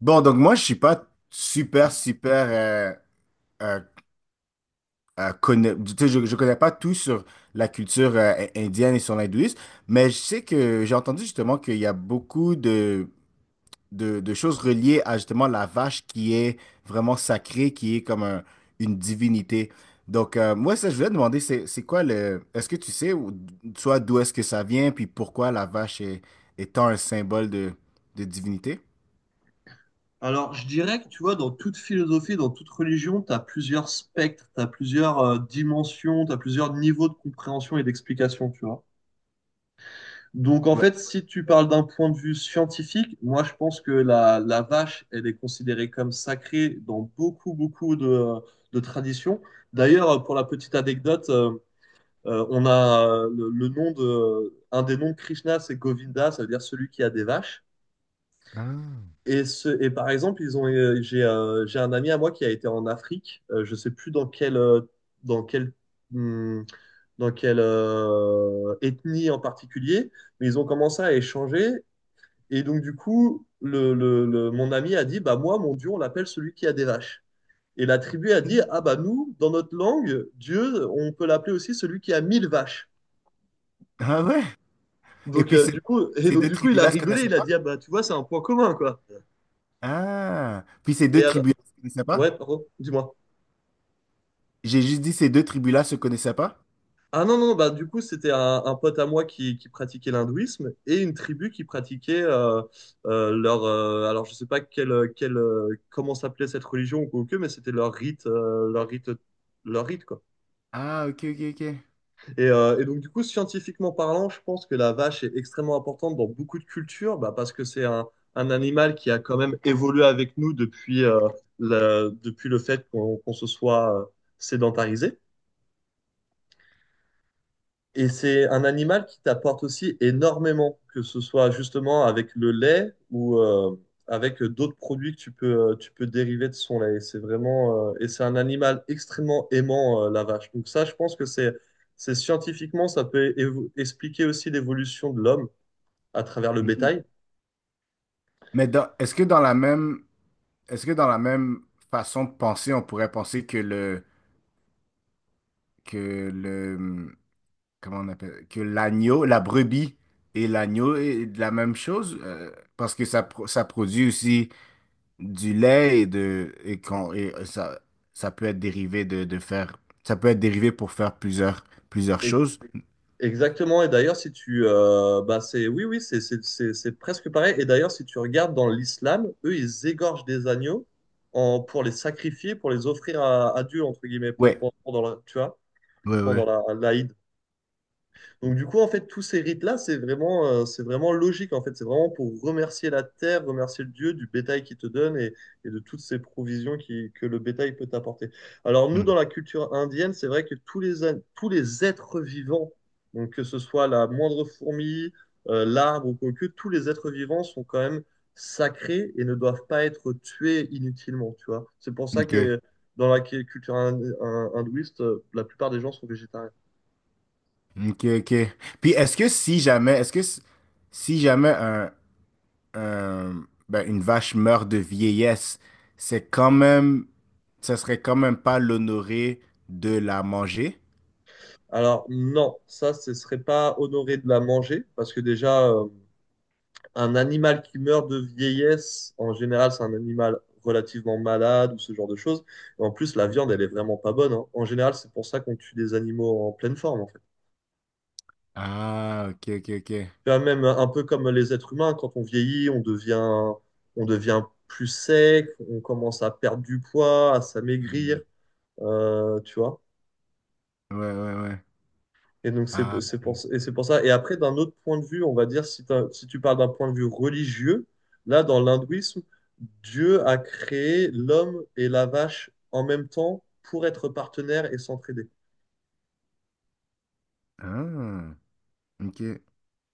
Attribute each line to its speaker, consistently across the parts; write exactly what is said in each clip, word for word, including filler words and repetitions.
Speaker 1: Bon, donc moi, je suis pas super, super euh, euh, euh, conna- tu sais, je, je connais pas tout sur la culture euh, in- indienne et sur l'hindouisme, mais je sais que j'ai entendu justement qu'il y a beaucoup de, de, de choses reliées à justement la vache qui est vraiment sacrée, qui est comme un- une divinité. Donc, euh, moi, ça, je voulais te demander, c'est, c'est quoi le... Est-ce que tu sais, ou- soit d'où est-ce que ça vient, puis pourquoi la vache est, est tant un symbole de, de divinité?
Speaker 2: Alors, je dirais que tu vois, dans toute philosophie, dans toute religion, tu as plusieurs spectres, tu as plusieurs euh, dimensions, tu as plusieurs niveaux de compréhension et d'explication, tu vois. Donc, en
Speaker 1: Ouais.
Speaker 2: fait, si tu parles d'un point de vue scientifique, moi, je pense que la, la vache, elle est considérée comme sacrée dans beaucoup, beaucoup de, de traditions. D'ailleurs, pour la petite anecdote, euh, euh, on a euh, le, le nom de, un des noms de Krishna, c'est Govinda, ça veut dire celui qui a des vaches.
Speaker 1: Ah.
Speaker 2: Et, ce, et par exemple, ils ont, euh, j'ai euh, j'ai un ami à moi qui a été en Afrique. Euh, je sais plus dans quelle, euh, dans quelle, hum, dans quelle euh, ethnie en particulier, mais ils ont commencé à échanger. Et donc, du coup, le, le- le- mon ami a dit, bah moi, mon Dieu, on l'appelle celui qui a des vaches. Et la tribu a dit, ah bah nous, dans notre langue, Dieu, on peut l'appeler aussi celui qui a mille vaches.
Speaker 1: Ah ouais? Et
Speaker 2: Donc,
Speaker 1: puis
Speaker 2: euh,
Speaker 1: ces,
Speaker 2: du coup, et
Speaker 1: ces
Speaker 2: donc,
Speaker 1: deux
Speaker 2: du coup, il a
Speaker 1: tribus-là se
Speaker 2: rigolé,
Speaker 1: connaissaient
Speaker 2: il a
Speaker 1: pas?
Speaker 2: dit, ah bah tu vois, c'est un point commun, quoi.
Speaker 1: Ah, puis ces
Speaker 2: Et
Speaker 1: deux
Speaker 2: alors,
Speaker 1: tribus-là se connaissaient pas?
Speaker 2: ouais, pardon, dis-moi.
Speaker 1: J'ai juste dit ces deux tribus-là se connaissaient pas?
Speaker 2: Ah non, non, bah du coup, c'était un, un pote à moi qui, qui pratiquait l'hindouisme et une tribu qui pratiquait euh, euh, leur. euh, alors, je sais pas quelle, quelle, euh, comment s'appelait cette religion ou que, mais c'était leur rite, euh, leur rite, leur rite, quoi.
Speaker 1: Ah, ok, ok, ok.
Speaker 2: Et, euh, et donc, du coup, scientifiquement parlant, je pense que la vache est extrêmement importante dans beaucoup de cultures bah, parce que c'est un, un animal qui a quand même évolué avec nous depuis, euh, la- depuis le fait qu'on qu'on se soit euh, sédentarisé. Et c'est un animal qui t'apporte aussi énormément, que ce soit justement avec le lait ou euh, avec d'autres produits que tu peux, euh, tu peux dériver de son lait. Et C'est vraiment, euh, et c'est un animal extrêmement aimant, euh, la vache. Donc ça, je pense que c'est, c'est scientifiquement, ça peut évo- expliquer aussi l'évolution de l'homme à travers le bétail.
Speaker 1: Mhm. Mais dans- est-ce que dans la même, est-ce que dans la même façon de penser, on pourrait penser que le, que le, comment on appelle, que l'agneau, la brebis et l'agneau est de la même chose? Euh, parce que ça, pro- ça produit aussi du lait et de et quand et euh, ça ça peut être dérivé de, de faire ça peut être dérivé pour faire plusieurs plusieurs
Speaker 2: Et
Speaker 1: choses.
Speaker 2: Exactement, et d'ailleurs, si tu. Euh, bah c'est, oui, oui, c'est c'est- c'est- c'est presque pareil. Et d'ailleurs, si tu regardes dans l'islam, eux, ils égorgent des agneaux en, pour les sacrifier, pour les offrir à, à Dieu, entre guillemets, pour,
Speaker 1: Ouais,
Speaker 2: pour- pendant la, tu vois,
Speaker 1: ouais,
Speaker 2: pendant
Speaker 1: ouais.
Speaker 2: la, l'Aïd. Donc du coup, en fait, tous ces rites-là, c'est vraiment, euh, c'est vraiment logique, en fait. C'est vraiment pour remercier la terre, remercier le Dieu du bétail qu'il te donne et, et de toutes ces provisions qui, que le bétail peut t'apporter. Alors nous,
Speaker 1: Hmm.
Speaker 2: dans la culture indienne, c'est vrai que tous les, an- tous les êtres vivants, donc que ce soit la moindre fourmi, euh, l'arbre ou quoi que, tous les êtres vivants sont quand même sacrés et ne doivent pas être tués inutilement, tu vois. C'est pour ça
Speaker 1: Ok,
Speaker 2: que dans la cu- culture hin- hin- hindouiste, euh, la plupart des gens sont végétariens.
Speaker 1: ok, ok. Puis est-ce que si jamais est-ce que s- si jamais un, un- ben, une vache meurt de vieillesse, c'est quand même ça serait quand même pas l'honoré de la manger?
Speaker 2: Alors non, ça, ce serait pas honoré de la manger, parce que déjà, euh, un animal qui meurt de vieillesse, en général, c'est un animal relativement malade ou ce genre de choses. Et en plus, la viande, elle
Speaker 1: Ok.
Speaker 2: est vraiment pas bonne, hein. En général, c'est pour ça qu'on tue des animaux en pleine forme, en fait.
Speaker 1: Ah, ok, ok, ok.
Speaker 2: Tu vois, même un peu comme les êtres humains, quand on vieillit, on devient, on devient plus sec, on commence à perdre du poids, à
Speaker 1: Hmm.
Speaker 2: s'amaigrir, euh, tu vois.
Speaker 1: Ouais, ouais, ouais.
Speaker 2: Et donc, c'est
Speaker 1: Ah,
Speaker 2: c'est pour,
Speaker 1: ok.
Speaker 2: et c'est pour ça. Et après, d'un autre point de vue, on va dire, si, t'as- si tu parles d'un point de vue religieux, là, dans l'hindouisme, Dieu a créé l'homme et la vache en même temps pour être partenaires et s'entraider.
Speaker 1: Ah, ok.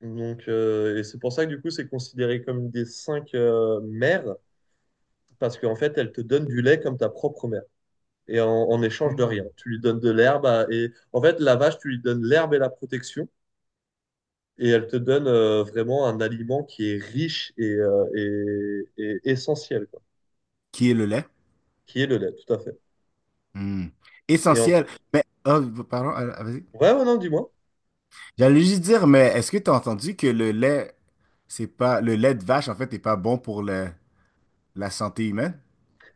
Speaker 2: Donc, euh, et c'est pour ça que du coup, c'est considéré comme une des cinq euh, mères, parce qu'en fait, elle te donne du lait comme ta propre mère, et en, en échange de rien.
Speaker 1: Hmm.
Speaker 2: Tu lui donnes de l'herbe, à- et en fait, la vache, tu lui donnes l'herbe et la protection, et elle te donne euh, vraiment un aliment qui est riche et, euh, et, et essentiel, quoi,
Speaker 1: Qui est le lait?
Speaker 2: qui est le lait, tout à fait.
Speaker 1: Hmm.
Speaker 2: Et en...
Speaker 1: Essentiel. Mais, oh, pardon, ah, ah, vas-y.
Speaker 2: Ouais, ouais, non, dis-moi.
Speaker 1: J'allais juste dire, mais est-ce que tu as entendu que le lait, c'est pas, le lait de vache, en fait, n'est pas bon pour le- la santé humaine?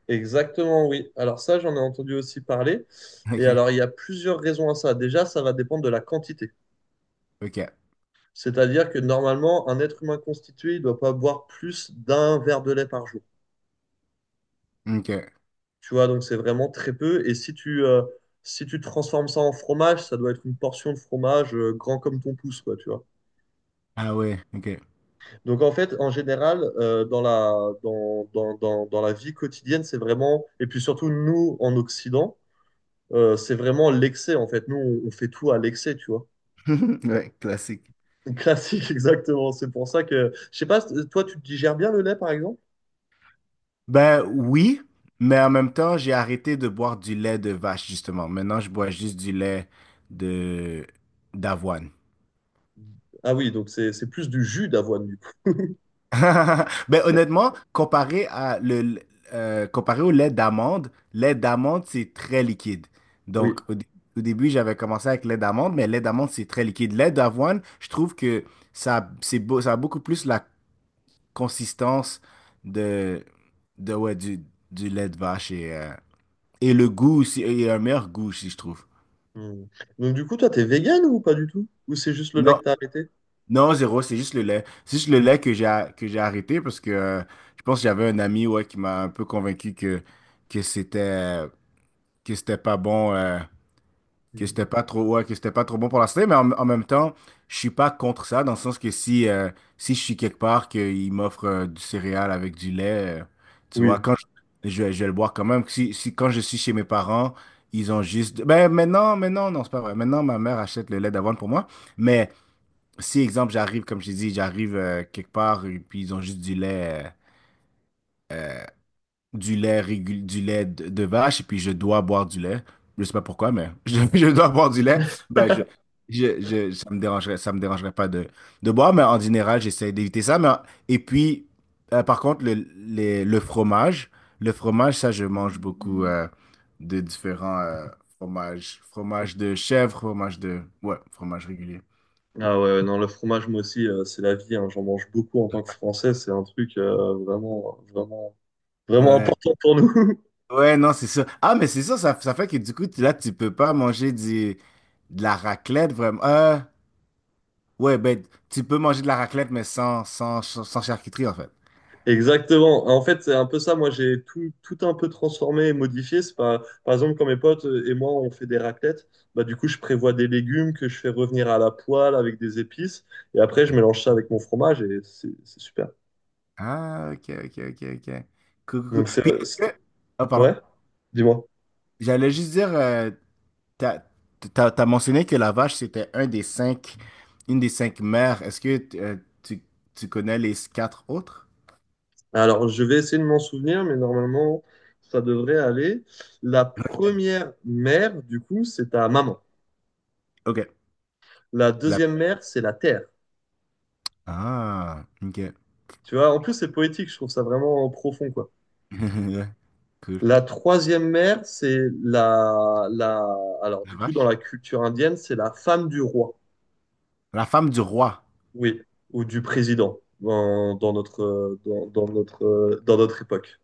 Speaker 2: Exactement, oui. Alors ça, j'en ai entendu aussi parler. Et
Speaker 1: Ok,
Speaker 2: alors, il y a plusieurs raisons à ça. Déjà, ça va dépendre de la quantité.
Speaker 1: ok,
Speaker 2: C'est-à-dire que normalement, un être humain constitué, il ne doit pas boire plus d'un verre de lait par jour.
Speaker 1: ok.
Speaker 2: Tu vois, donc c'est vraiment très peu. Et si tu, euh, si tu transformes ça en fromage, ça doit être une portion de fromage euh, grand comme ton pouce, quoi, tu vois.
Speaker 1: Ah ouais, ok.
Speaker 2: Donc en fait, en général, euh, dans la, dans, dans, dans, dans la vie quotidienne, c'est vraiment, et puis surtout nous en Occident, euh, c'est vraiment l'excès en fait. Nous, on, on fait tout à l'excès, tu vois.
Speaker 1: Ouais, classique.
Speaker 2: Classique, exactement. C'est pour ça que, je sais pas, toi, tu digères bien le lait par exemple?
Speaker 1: Ben oui, mais en même temps, j'ai arrêté de boire du lait de vache, justement. Maintenant, je bois juste du lait de d'avoine.
Speaker 2: Ah oui, donc c'est c'est plus du jus d'avoine du coup.
Speaker 1: Ben, honnêtement, comparé à le, le- euh, comparé au lait d'amande, lait d'amande, c'est très liquide. Donc,
Speaker 2: Oui.
Speaker 1: au, dé- au début, j'avais commencé avec lait d'amande, mais lait d'amande, c'est très liquide. Lait d'avoine, je trouve que ça, c'est beau, ça a beaucoup plus la consistance de, de ouais, du, du lait de vache et, euh, et le goût aussi, et un meilleur goût aussi, je trouve.
Speaker 2: Hmm. Donc du coup, toi, t'es vegan ou pas du tout? Ou c'est juste le lait que t'as arrêté?
Speaker 1: Non, zéro, c'est juste le lait. C'est juste le lait que j'ai que j'ai arrêté parce que euh, je pense que j'avais un ami ouais, qui m'a un peu convaincu que, que c'était euh, que c'était pas bon, euh, que c'était
Speaker 2: Hmm.
Speaker 1: pas trop ouais, que c'était pas trop bon pour la santé, mais en, en même temps, je suis pas contre ça, dans le sens que si, euh, si je suis quelque part qu'il m'offre euh, du céréal avec du lait, euh, tu vois,
Speaker 2: Oui.
Speaker 1: quand je, je, vais je vais le boire quand même. Si, si quand je suis chez mes parents, ils ont juste. Ben maintenant, maintenant, non, c'est pas vrai. Maintenant, ma mère achète le lait d'avoine pour moi. Mais si, exemple, j'arrive, comme je t'ai dit, j'arrive euh, quelque part et puis ils ont juste du lait, euh, du lait régul- du lait de, de vache et puis je dois boire du lait. Je sais pas pourquoi, mais je, je dois boire du lait. Ben, je, je, je- ça me dérangerait, ça me dérangerait pas de, de boire, mais en général, j'essaie d'éviter ça. Mais, en- et puis, euh, par contre, le, les- le fromage, le fromage, ça, je mange beaucoup euh, de différents euh, fromages. Fromage de chèvre, fromage de... Ouais, fromage régulier.
Speaker 2: Ah ouais, ouais, non, le fromage, moi aussi, euh, c'est la vie, hein. J'en mange beaucoup en tant que Français. C'est un truc euh, vraiment, vraiment Vraiment
Speaker 1: Ouais.
Speaker 2: important pour nous.
Speaker 1: Ouais, non, c'est ça. Ah, mais c'est ça, ça, ça fait que du coup, tu- là, tu peux pas manger du, de la raclette, vraiment. Euh, ouais, ben, tu peux manger de la raclette, mais sans, sans, sans charcuterie, en fait.
Speaker 2: Exactement. En fait, c'est un peu ça. Moi, j'ai tout, tout un peu transformé et modifié. C'est pas, par exemple, quand mes potes et moi, on fait des raclettes, bah, du coup, je prévois des légumes que je fais revenir à la poêle avec des épices. Et après, je mélange ça avec mon fromage et c'est c'est super.
Speaker 1: Ah, ok, ok, ok, ok. Cool, cool, cool.
Speaker 2: Donc, c'est,
Speaker 1: Puis, est-ce
Speaker 2: c'est-
Speaker 1: que... Ah, pardon.
Speaker 2: ouais, dis-moi.
Speaker 1: J'allais juste dire, euh, t'as, t'as, t'as mentionné que la vache, c'était un des cinq, une des cinq mères. Est-ce que euh, tu, tu connais les quatre autres?
Speaker 2: Alors, je vais essayer de m'en souvenir, mais normalement, ça devrait aller. La
Speaker 1: Ok.
Speaker 2: première mère, du coup, c'est ta maman.
Speaker 1: Ok.
Speaker 2: La
Speaker 1: La...
Speaker 2: deuxième mère, c'est la terre.
Speaker 1: Ah, ok.
Speaker 2: Tu vois, en plus, c'est poétique. Je trouve ça vraiment profond, quoi.
Speaker 1: Ouais, cool.
Speaker 2: La troisième mère, c'est la, la. Alors,
Speaker 1: La
Speaker 2: du coup, dans
Speaker 1: vache?
Speaker 2: la culture indienne, c'est la femme du roi,
Speaker 1: La femme du roi.
Speaker 2: oui, ou du président, dans, dans notre, euh, dans, dans notre, euh, dans notre époque.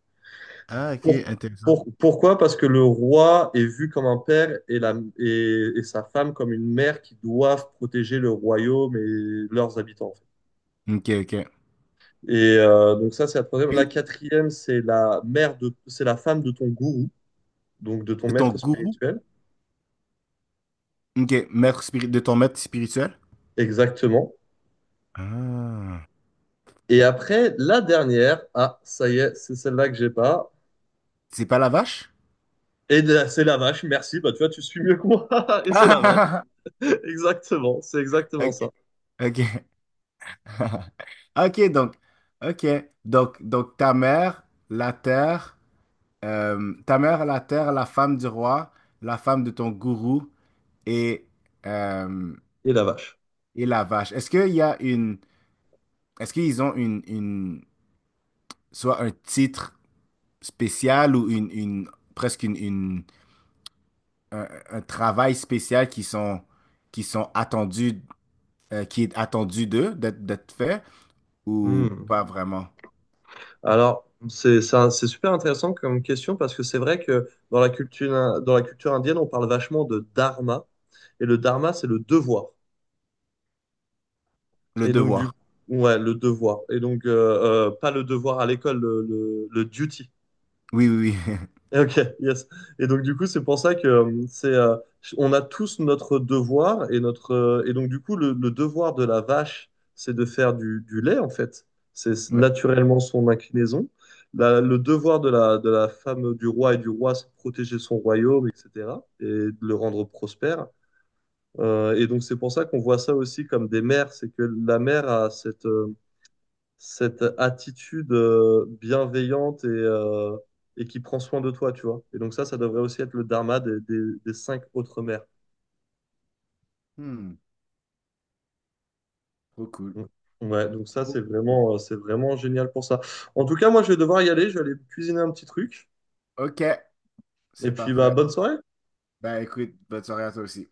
Speaker 1: Ah, ok,
Speaker 2: Pour-
Speaker 1: intéressant.
Speaker 2: pour- pourquoi? Parce que le roi est vu comme un père et, la, et, et sa femme comme une mère qui doivent protéger le royaume et leurs habitants, en fait.
Speaker 1: Ok, ok.
Speaker 2: Et euh, donc, ça, c'est la troisième. La
Speaker 1: Puis,
Speaker 2: quatrième, c'est la mère de, c'est la femme de ton gourou, donc de ton
Speaker 1: de ton
Speaker 2: maître
Speaker 1: gourou,
Speaker 2: spirituel.
Speaker 1: ok, maître spiri- de ton maître spirituel.
Speaker 2: Exactement.
Speaker 1: Ah,
Speaker 2: Et après, la dernière, ah, ça y est, c'est celle-là que j'ai pas.
Speaker 1: c'est pas la vache?
Speaker 2: Et de- c'est la vache, merci, bah tu vois, tu suis mieux que moi. Et c'est la vache,
Speaker 1: Ah,
Speaker 2: exactement, c'est exactement
Speaker 1: ok,
Speaker 2: ça.
Speaker 1: ok. Ok, donc, ok. Donc, donc, ta mère, la terre, euh, ta mère, la terre, la femme du roi, la femme de ton gourou et, euh,
Speaker 2: Et la vache.
Speaker 1: et la vache. Est-ce qu'il y a une, est-ce qu'ils ont une, une, soit un titre spéciales ou une, une presque une, une- un, un travail spécial qui sont, qui sont attendus, euh, qui est attendu d'eux, d'être d'être fait, ou
Speaker 2: Hmm.
Speaker 1: pas vraiment?
Speaker 2: Alors, c'est ça, c'est super intéressant comme question parce que c'est vrai que dans la culture, dans la culture indienne, on parle vachement de dharma. Et le dharma, c'est le devoir.
Speaker 1: Le
Speaker 2: Et donc, du
Speaker 1: devoir.
Speaker 2: ouais, le devoir. Et donc, euh, euh, pas le devoir à l'école, le, le, le duty.
Speaker 1: Oui, oui, oui.
Speaker 2: Et Ok, yes. Et donc du coup, c'est pour ça que euh, c'est, euh, on a tous notre devoir et notre euh, et donc du coup, le, le devoir de la vache, c'est de faire du, du lait en fait. C'est c'est
Speaker 1: Ouais.
Speaker 2: naturellement son inclinaison. La- le devoir de la de la femme du roi et du roi, c'est de protéger son royaume, et cétéra et de le rendre prospère. Euh, et donc c'est pour ça qu'on voit ça aussi comme des mères, c'est que la mère a cette euh, cette attitude euh, bienveillante et, euh, et qui prend soin de toi, tu vois. Et donc ça, ça devrait aussi être le dharma des, des, des cinq autres mères.
Speaker 1: Hmm, trop cool.
Speaker 2: Mm. Ouais, donc ça, c'est vraiment, euh, c'est vraiment génial pour ça. En tout cas, moi, je vais devoir y aller, je vais aller cuisiner un petit truc.
Speaker 1: Ok,
Speaker 2: Et
Speaker 1: c'est
Speaker 2: puis, bah,
Speaker 1: parfait.
Speaker 2: bonne soirée.
Speaker 1: Ben écoute, bonne soirée à toi aussi.